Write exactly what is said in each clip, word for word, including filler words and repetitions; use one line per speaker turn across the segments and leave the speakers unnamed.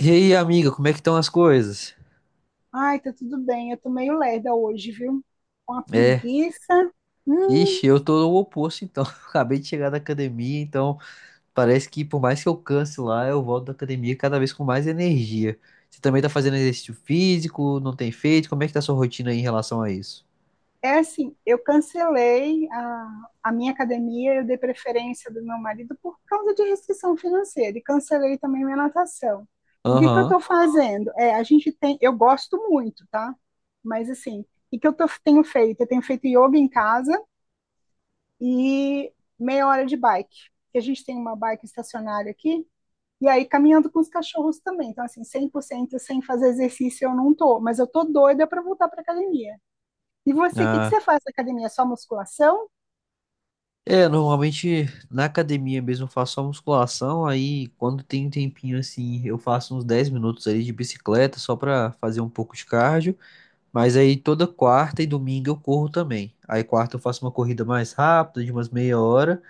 E aí, amiga, como é que estão as coisas?
Ai, tá tudo bem. Eu tô meio lerda hoje, viu? Uma
É,
preguiça. Hum,
ixi, eu tô no oposto, então. Acabei de chegar da academia, então parece que por mais que eu canse lá, eu volto da academia cada vez com mais energia. Você também tá fazendo exercício físico, não tem feito? Como é que tá a sua rotina aí em relação a isso?
é assim, eu cancelei a, a minha academia, eu dei preferência do meu marido por causa de restrição financeira e cancelei também minha natação. O que que eu
Aham.
tô fazendo? É, a gente tem, eu gosto muito, tá? Mas assim, o que que eu tô- tenho feito? Eu tenho feito yoga em casa e meia hora de bike. A gente tem uma bike estacionária aqui. E aí, caminhando com os cachorros também. Então, assim, cem por cento sem fazer exercício eu não tô, mas eu tô doida para voltar para academia. E você, o que que você
Ah.
faz na academia? Só musculação?
É, normalmente na academia mesmo eu faço só musculação, aí quando tem um tempinho assim, eu faço uns dez minutos ali de bicicleta só pra fazer um pouco de cardio. Mas aí toda quarta e domingo eu corro também. Aí quarta eu faço uma corrida mais rápida, de umas meia hora,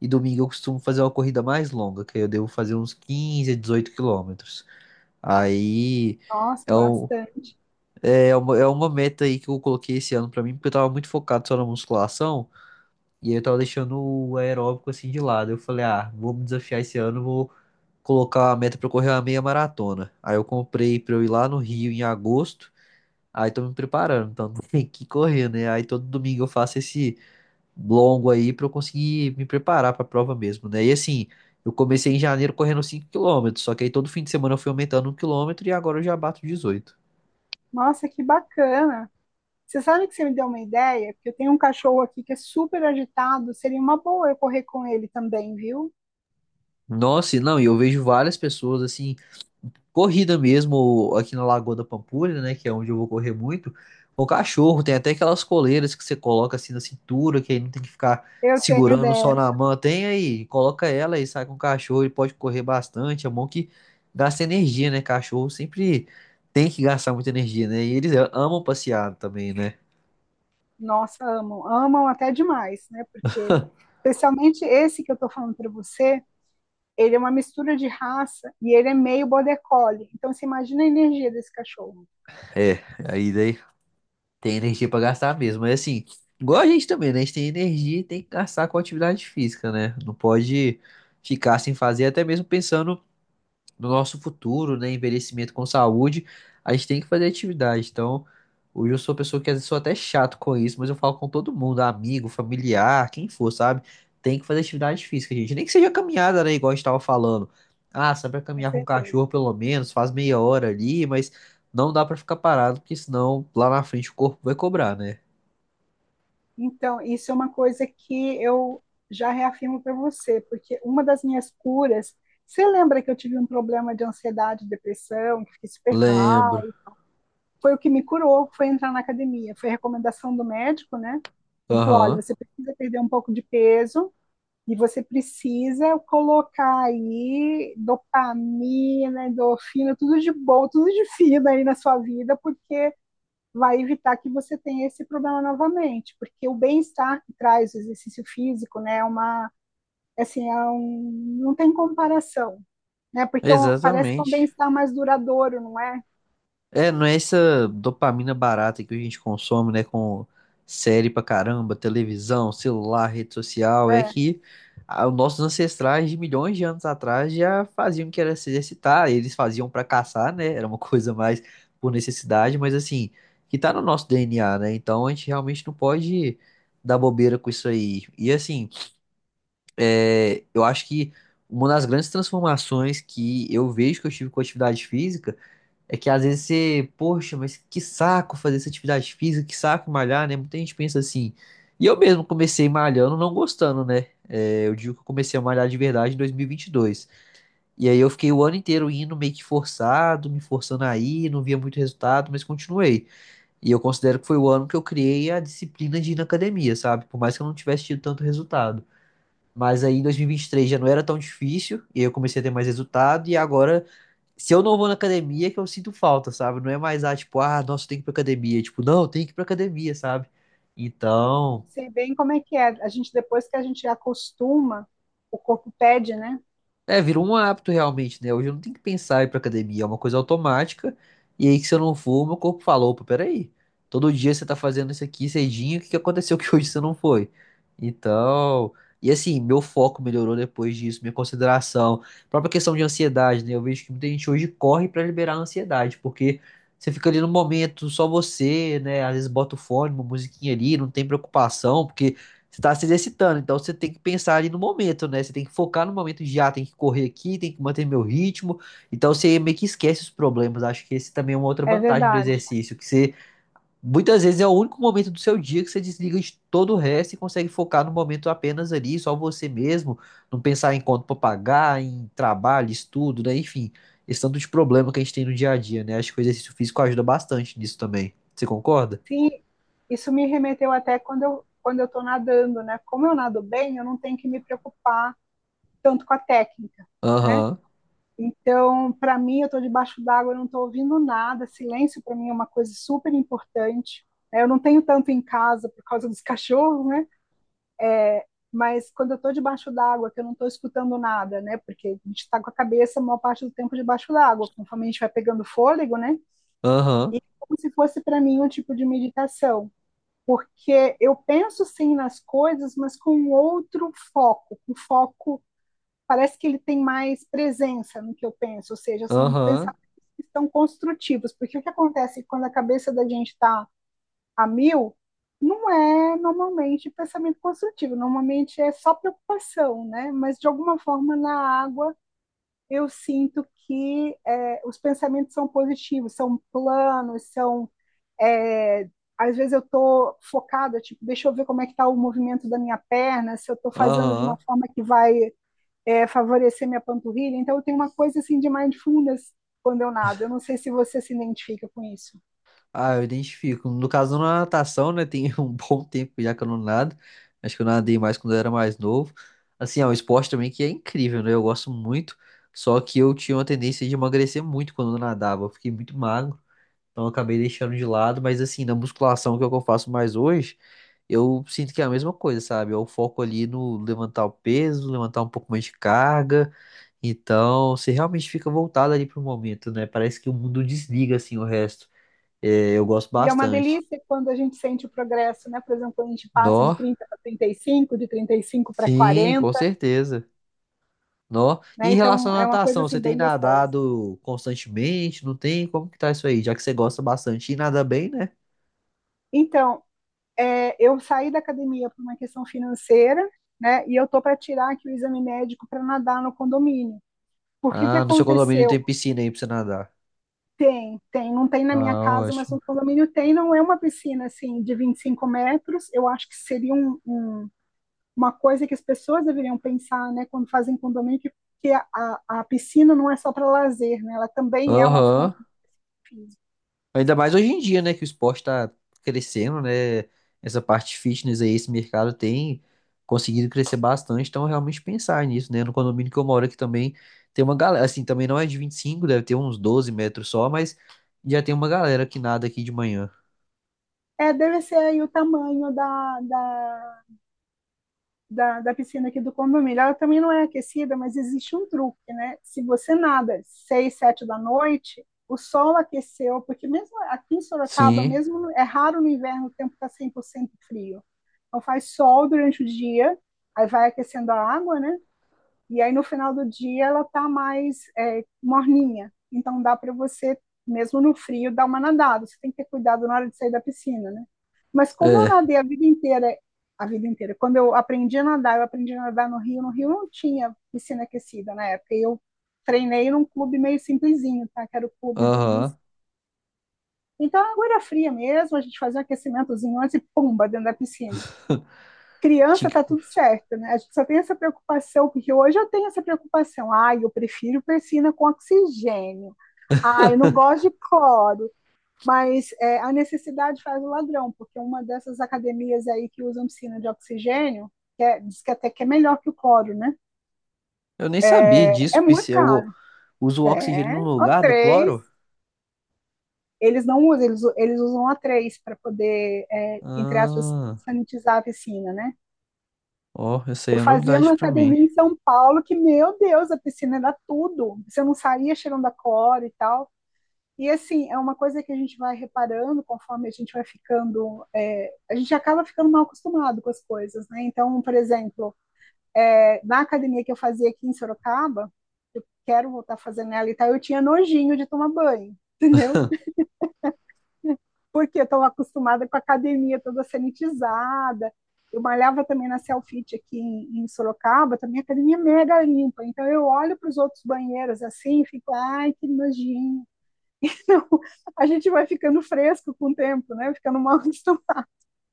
e domingo eu costumo fazer uma corrida mais longa, que aí eu devo fazer uns quinze a dezoito quilômetros. Aí
Nossa,
é, um,
bastante.
é, é uma, é uma meta aí que eu coloquei esse ano pra mim, porque eu tava muito focado só na musculação, e aí eu tava deixando o aeróbico assim de lado. Eu falei, ah, vou me desafiar esse ano, vou colocar a meta pra eu correr uma meia maratona. Aí eu comprei pra eu ir lá no Rio em agosto. Aí tô me preparando, então tem que correr, né? Aí todo domingo eu faço esse longo aí pra eu conseguir me preparar pra prova mesmo, né? E assim, eu comecei em janeiro correndo cinco quilômetros, só que aí todo fim de semana eu fui aumentando um quilômetro e agora eu já bato dezoito.
Nossa, que bacana. Você sabe que você me deu uma ideia? Porque eu tenho um cachorro aqui que é super agitado, seria uma boa eu correr com ele também, viu?
Nossa, e não, e eu vejo várias pessoas assim corrida mesmo aqui na Lagoa da Pampulha, né? Que é onde eu vou correr muito. Com cachorro, tem até aquelas coleiras que você coloca assim na cintura, que aí não tem que ficar
Eu tenho
segurando só na
dessa.
mão. Tem aí, coloca ela e sai com o cachorro, ele pode correr bastante. É bom que gasta energia, né? Cachorro sempre tem que gastar muita energia, né? E eles amam passear também, né?
Nossa, amam. Amam até demais, né? Porque, especialmente esse que eu tô falando para você, ele é uma mistura de raça e ele é meio border collie. Então você imagina a energia desse cachorro.
É, aí daí tem energia pra gastar mesmo. Mas assim, igual a gente também, né? A gente tem energia e tem que gastar com atividade física, né? Não pode ficar sem fazer, até mesmo pensando no nosso futuro, né? Envelhecimento com saúde, a gente tem que fazer atividade. Então, hoje eu sou uma pessoa que às vezes sou até chato com isso, mas eu falo com todo mundo, amigo, familiar, quem for, sabe? Tem que fazer atividade física, gente. Nem que seja caminhada, né? Igual a gente tava falando. Ah, sabe pra
Com
caminhar com o
certeza.
cachorro, pelo menos, faz meia hora ali, mas não dá pra ficar parado, porque senão lá na frente o corpo vai cobrar, né?
Então, isso é uma coisa que eu já reafirmo para você, porque uma das minhas curas, você lembra que eu tive um problema de ansiedade, depressão, que fiquei super mal?
Lembro.
Foi o que me curou, foi entrar na academia, foi a recomendação do médico, né? Ele falou: olha,
Aham.
você precisa perder um pouco de peso. E você precisa colocar aí dopamina, endorfina, tudo de bom, tudo de fino aí na sua vida, porque vai evitar que você tenha esse problema novamente. Porque o bem-estar que traz o exercício físico, né, é uma, assim, é um, não tem comparação, né? Porque é um, parece que é um
Exatamente.
bem-estar mais duradouro, não é?
É, não é essa dopamina barata que a gente consome, né, com série pra caramba, televisão, celular, rede social, é
É,
que ah, os nossos ancestrais de milhões de anos atrás já faziam que era se exercitar, eles faziam pra caçar, né, era uma coisa mais por necessidade, mas assim, que tá no nosso D N A, né, então a gente realmente não pode dar bobeira com isso aí. E assim, é, eu acho que uma das grandes transformações que eu vejo que eu tive com a atividade física é que às vezes você, poxa, mas que saco fazer essa atividade física, que saco malhar, né? Muita gente pensa assim. E eu mesmo comecei malhando, não gostando, né? É, eu digo que eu comecei a malhar de verdade em dois mil e vinte e dois. E vinte e dois. E aí eu fiquei o ano inteiro indo meio que forçado, me forçando a ir, não via muito resultado, mas continuei. E eu considero que foi o ano que eu criei a disciplina de ir na academia, sabe? Por mais que eu não tivesse tido tanto resultado. Mas aí em dois mil e vinte e três já não era tão difícil, e aí eu comecei a ter mais resultado, e agora se eu não vou na academia, é que eu sinto falta, sabe? Não é mais, ah, tipo, ah, nossa, tem que ir pra academia. Tipo, não, tem que ir pra academia, sabe?
eu
Então,
sei bem como é que é. A gente, depois que a gente acostuma, o corpo pede, né?
é, virou um hábito realmente, né? Hoje eu não tenho que pensar em ir pra academia, é uma coisa automática. E aí que se eu não for, meu corpo falou, opa, peraí. Todo dia você tá fazendo isso aqui cedinho, o que que aconteceu que hoje você não foi? Então, e assim, meu foco melhorou depois disso, minha consideração, própria questão de ansiedade, né? Eu vejo que muita gente hoje corre pra liberar a ansiedade, porque você fica ali no momento, só você, né? Às vezes bota o fone, uma musiquinha ali, não tem preocupação, porque você tá se exercitando, então você tem que pensar ali no momento, né? Você tem que focar no momento já, tem que correr aqui, tem que manter meu ritmo. Então você meio que esquece os problemas. Acho que esse também é uma outra
É
vantagem do
verdade.
exercício, que você muitas vezes é o único momento do seu dia que você desliga de todo o resto e consegue focar no momento apenas ali, só você mesmo, não pensar em conta para pagar, em trabalho, estudo, né? Enfim, esse tanto de problema que a gente tem no dia a dia, né? Acho que o exercício físico ajuda bastante nisso também. Você concorda?
Sim, isso me remeteu até quando eu quando eu estou nadando, né? Como eu nado bem, eu não tenho que me preocupar tanto com a técnica, né?
Aham,
Então, para mim, eu estou debaixo d'água, eu não estou ouvindo nada. Silêncio para mim é uma coisa super importante, né? Eu não tenho tanto em casa por causa dos cachorros, né? Mas quando eu estou debaixo d'água, que eu não estou escutando nada, né? Porque a gente está com a cabeça a maior parte do tempo debaixo d'água, conforme a gente vai pegando fôlego, né?
aham,
Como se fosse para mim um tipo de meditação. Porque eu penso sim nas coisas, mas com um outro foco, um foco parece que ele tem mais presença no que eu penso, ou seja, são
aham,
pensamentos que estão construtivos, porque o que acontece quando a cabeça da gente está a mil não é normalmente pensamento construtivo, normalmente é só preocupação, né? Mas de alguma forma na água eu sinto que é, os pensamentos são positivos, são planos, são. É, às vezes eu estou focada, tipo, deixa eu ver como é que está o movimento da minha perna, se eu estou fazendo de uma
aham.
forma que vai é, favorecer minha panturrilha. Então eu tenho uma coisa assim de mindfulness quando eu nado. Eu não sei se você se identifica com isso.
Ah, eu identifico. No caso, na natação, né? Tem um bom tempo já que eu não nado. Acho que eu nadei mais quando eu era mais novo. Assim, é um esporte também que é incrível, né? Eu gosto muito. Só que eu tinha uma tendência de emagrecer muito quando eu nadava. Eu fiquei muito magro. Então eu acabei deixando de lado. Mas assim, na musculação, que é o que eu faço mais hoje, eu sinto que é a mesma coisa, sabe? É o foco ali no levantar o peso, levantar um pouco mais de carga. Então, você realmente fica voltado ali pro momento, né? Parece que o mundo desliga, assim, o resto. É, eu gosto
E é uma
bastante.
delícia quando a gente sente o progresso, né? Por exemplo, quando a gente passa de
Nó?
trinta para trinta e cinco, de trinta e cinco para
Sim, com
quarenta,
certeza. Nó. E
né?
em relação
Então
à
é uma
natação,
coisa
você
assim
tem
bem gostosa.
nadado constantemente? Não tem? Como que tá isso aí? Já que você gosta bastante e nada bem, né?
Então, é, eu saí da academia por uma questão financeira, né? E eu tô para tirar aqui o exame médico para nadar no condomínio. Porque o que
Ah, no seu condomínio
aconteceu?
tem piscina aí pra você nadar.
Tem, tem, não tem na minha
Ah,
casa, mas no
ótimo.
condomínio tem, não é uma piscina assim de vinte e cinco metros. Eu acho que seria um, um, uma coisa que as pessoas deveriam pensar, né, quando fazem condomínio, que, que a, a, piscina não é só para lazer, né? Ela também é uma
Aham.
fonte de físico.
Ainda mais hoje em dia, né, que o esporte tá crescendo, né? Essa parte fitness aí, esse mercado tem conseguido crescer bastante, então realmente pensar nisso, né? No condomínio que eu moro aqui também tem uma galera, assim, também não é de vinte e cinco, deve ter uns doze metros só, mas já tem uma galera que nada aqui de manhã.
É, deve ser aí o tamanho da, da da, da piscina aqui do condomínio. Ela também não é aquecida, mas existe um truque, né? Se você nada seis, sete da noite, o sol aqueceu, porque mesmo aqui em Sorocaba,
Sim,
mesmo é raro no inverno o tempo está cem por cento frio. Então faz sol durante o dia, aí vai aquecendo a água, né? E aí no final do dia ela tá mais é, morninha. Então dá para você, mesmo no frio, dar uma nadada. Você tem que ter cuidado na hora de sair da piscina, né? Mas como eu
é,
nadei a vida inteira, a vida inteira, quando eu aprendi a nadar, eu aprendi a nadar no Rio. No Rio não tinha piscina aquecida na época. Eu treinei num clube meio simplesinho, tá? Que era o clube do município.
aham.
Então a água era fria mesmo, a gente fazia um aquecimentozinho antes e pumba dentro da piscina.
Tinha
Criança tá
que-
tudo certo, né? A gente só tem essa preocupação, porque hoje eu tenho essa preocupação. Ah, eu prefiro persina com oxigênio. Ah, eu não gosto de cloro. Mas é, a necessidade faz o ladrão, porque uma dessas academias aí que usam piscina de oxigênio, que é- diz que até que é melhor que o cloro, né?
Eu nem sabia
É
disso,
muito
P C. Eu
caro.
uso o oxigênio
É,
no
o
lugar do
três.
cloro?
Eles não usam, eles, eles usam o A três para poder, é, entre aspas,
Ah,
sanitizar a piscina, né?
ó, essa aí
Eu
é
fazia
novidade
numa
pra mim.
academia em São Paulo que, meu Deus, a piscina era tudo. Você não saía cheirando a cloro e tal. E assim, é uma coisa que a gente vai reparando conforme a gente vai ficando. É, a gente acaba ficando mal acostumado com as coisas, né? Então, por exemplo, é, na academia que eu fazia aqui em Sorocaba, quero voltar a fazer nela e tal, eu tinha nojinho de tomar banho, entendeu? Porque eu estou acostumada com a academia toda sanitizada. Eu malhava também na Selfit aqui em, em Sorocaba, também a academia é mega limpa. Então eu olho para os outros banheiros assim e fico, ai, que nojinho. Então, a gente vai ficando fresco com o tempo, né? Ficando mal acostumado.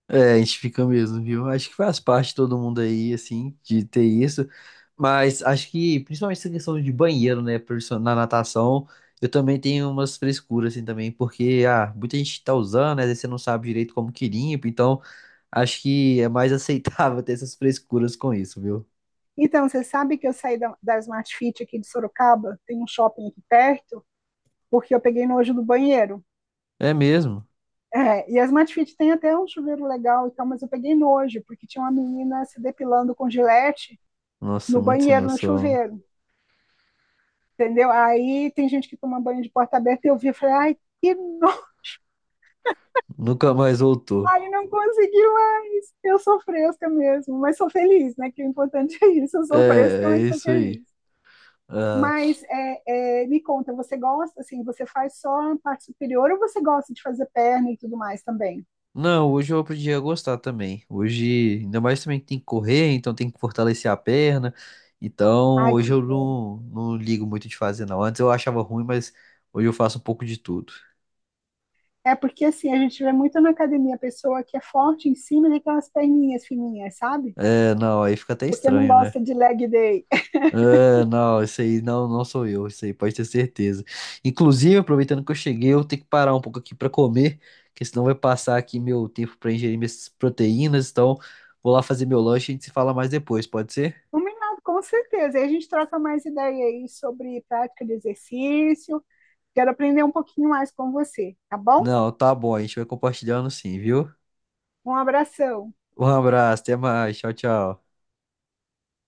É, a gente fica mesmo, viu? Acho que faz parte de todo mundo aí, assim, de ter isso. Mas acho que, principalmente essa questão de banheiro, né? Por isso, na natação, eu também tenho umas frescuras, assim, também, porque, ah, muita gente tá usando, né? Às vezes você não sabe direito como que limpa, então acho que é mais aceitável ter essas frescuras com isso, viu?
Então, você sabe que eu saí da, da Smart Fit aqui de Sorocaba, tem um shopping aqui perto, porque eu peguei nojo do banheiro.
É mesmo?
É, e a Smart Fit tem até um chuveiro legal e tal, mas eu peguei nojo, porque tinha uma menina se depilando com gilete
Nossa,
no
muito sem
banheiro, no
noção.
chuveiro, entendeu? Aí tem gente que toma banho de porta aberta eu vi e falei, ai, que não,
Nunca mais voltou.
ai, não consegui mais, eu sou fresca mesmo, mas sou feliz, né? Que o importante é isso, eu sou fresca,
É, é
mas sou
isso aí.
feliz.
Ah,
Mas é, é, me conta, você gosta, assim, você faz só a parte superior ou você gosta de fazer perna e tudo mais também?
não, hoje eu aprendi a gostar também. Hoje, ainda mais também que tem que correr, então tem que fortalecer a perna. Então,
Ai, que
hoje eu
bom.
não, não ligo muito de fazer, não. Antes eu achava ruim, mas hoje eu faço um pouco de tudo.
É porque, assim, a gente vê muito na academia a pessoa que é forte em cima daquelas perninhas fininhas, sabe?
É, não, aí fica até
Porque não
estranho, né?
gosta de leg day.
Ah, não, isso aí não, não sou eu, isso aí pode ter certeza. Inclusive, aproveitando que eu cheguei, eu tenho que parar um pouco aqui para comer, porque senão vai passar aqui meu tempo para ingerir minhas proteínas. Então, vou lá fazer meu lanche e a gente se fala mais depois, pode ser?
Combinado, com certeza. E a gente troca mais ideia aí sobre prática de exercício. Quero aprender um pouquinho mais com você, tá bom?
Não, tá bom, a gente vai compartilhando sim, viu?
Um abração.
Um abraço, até mais. Tchau, tchau.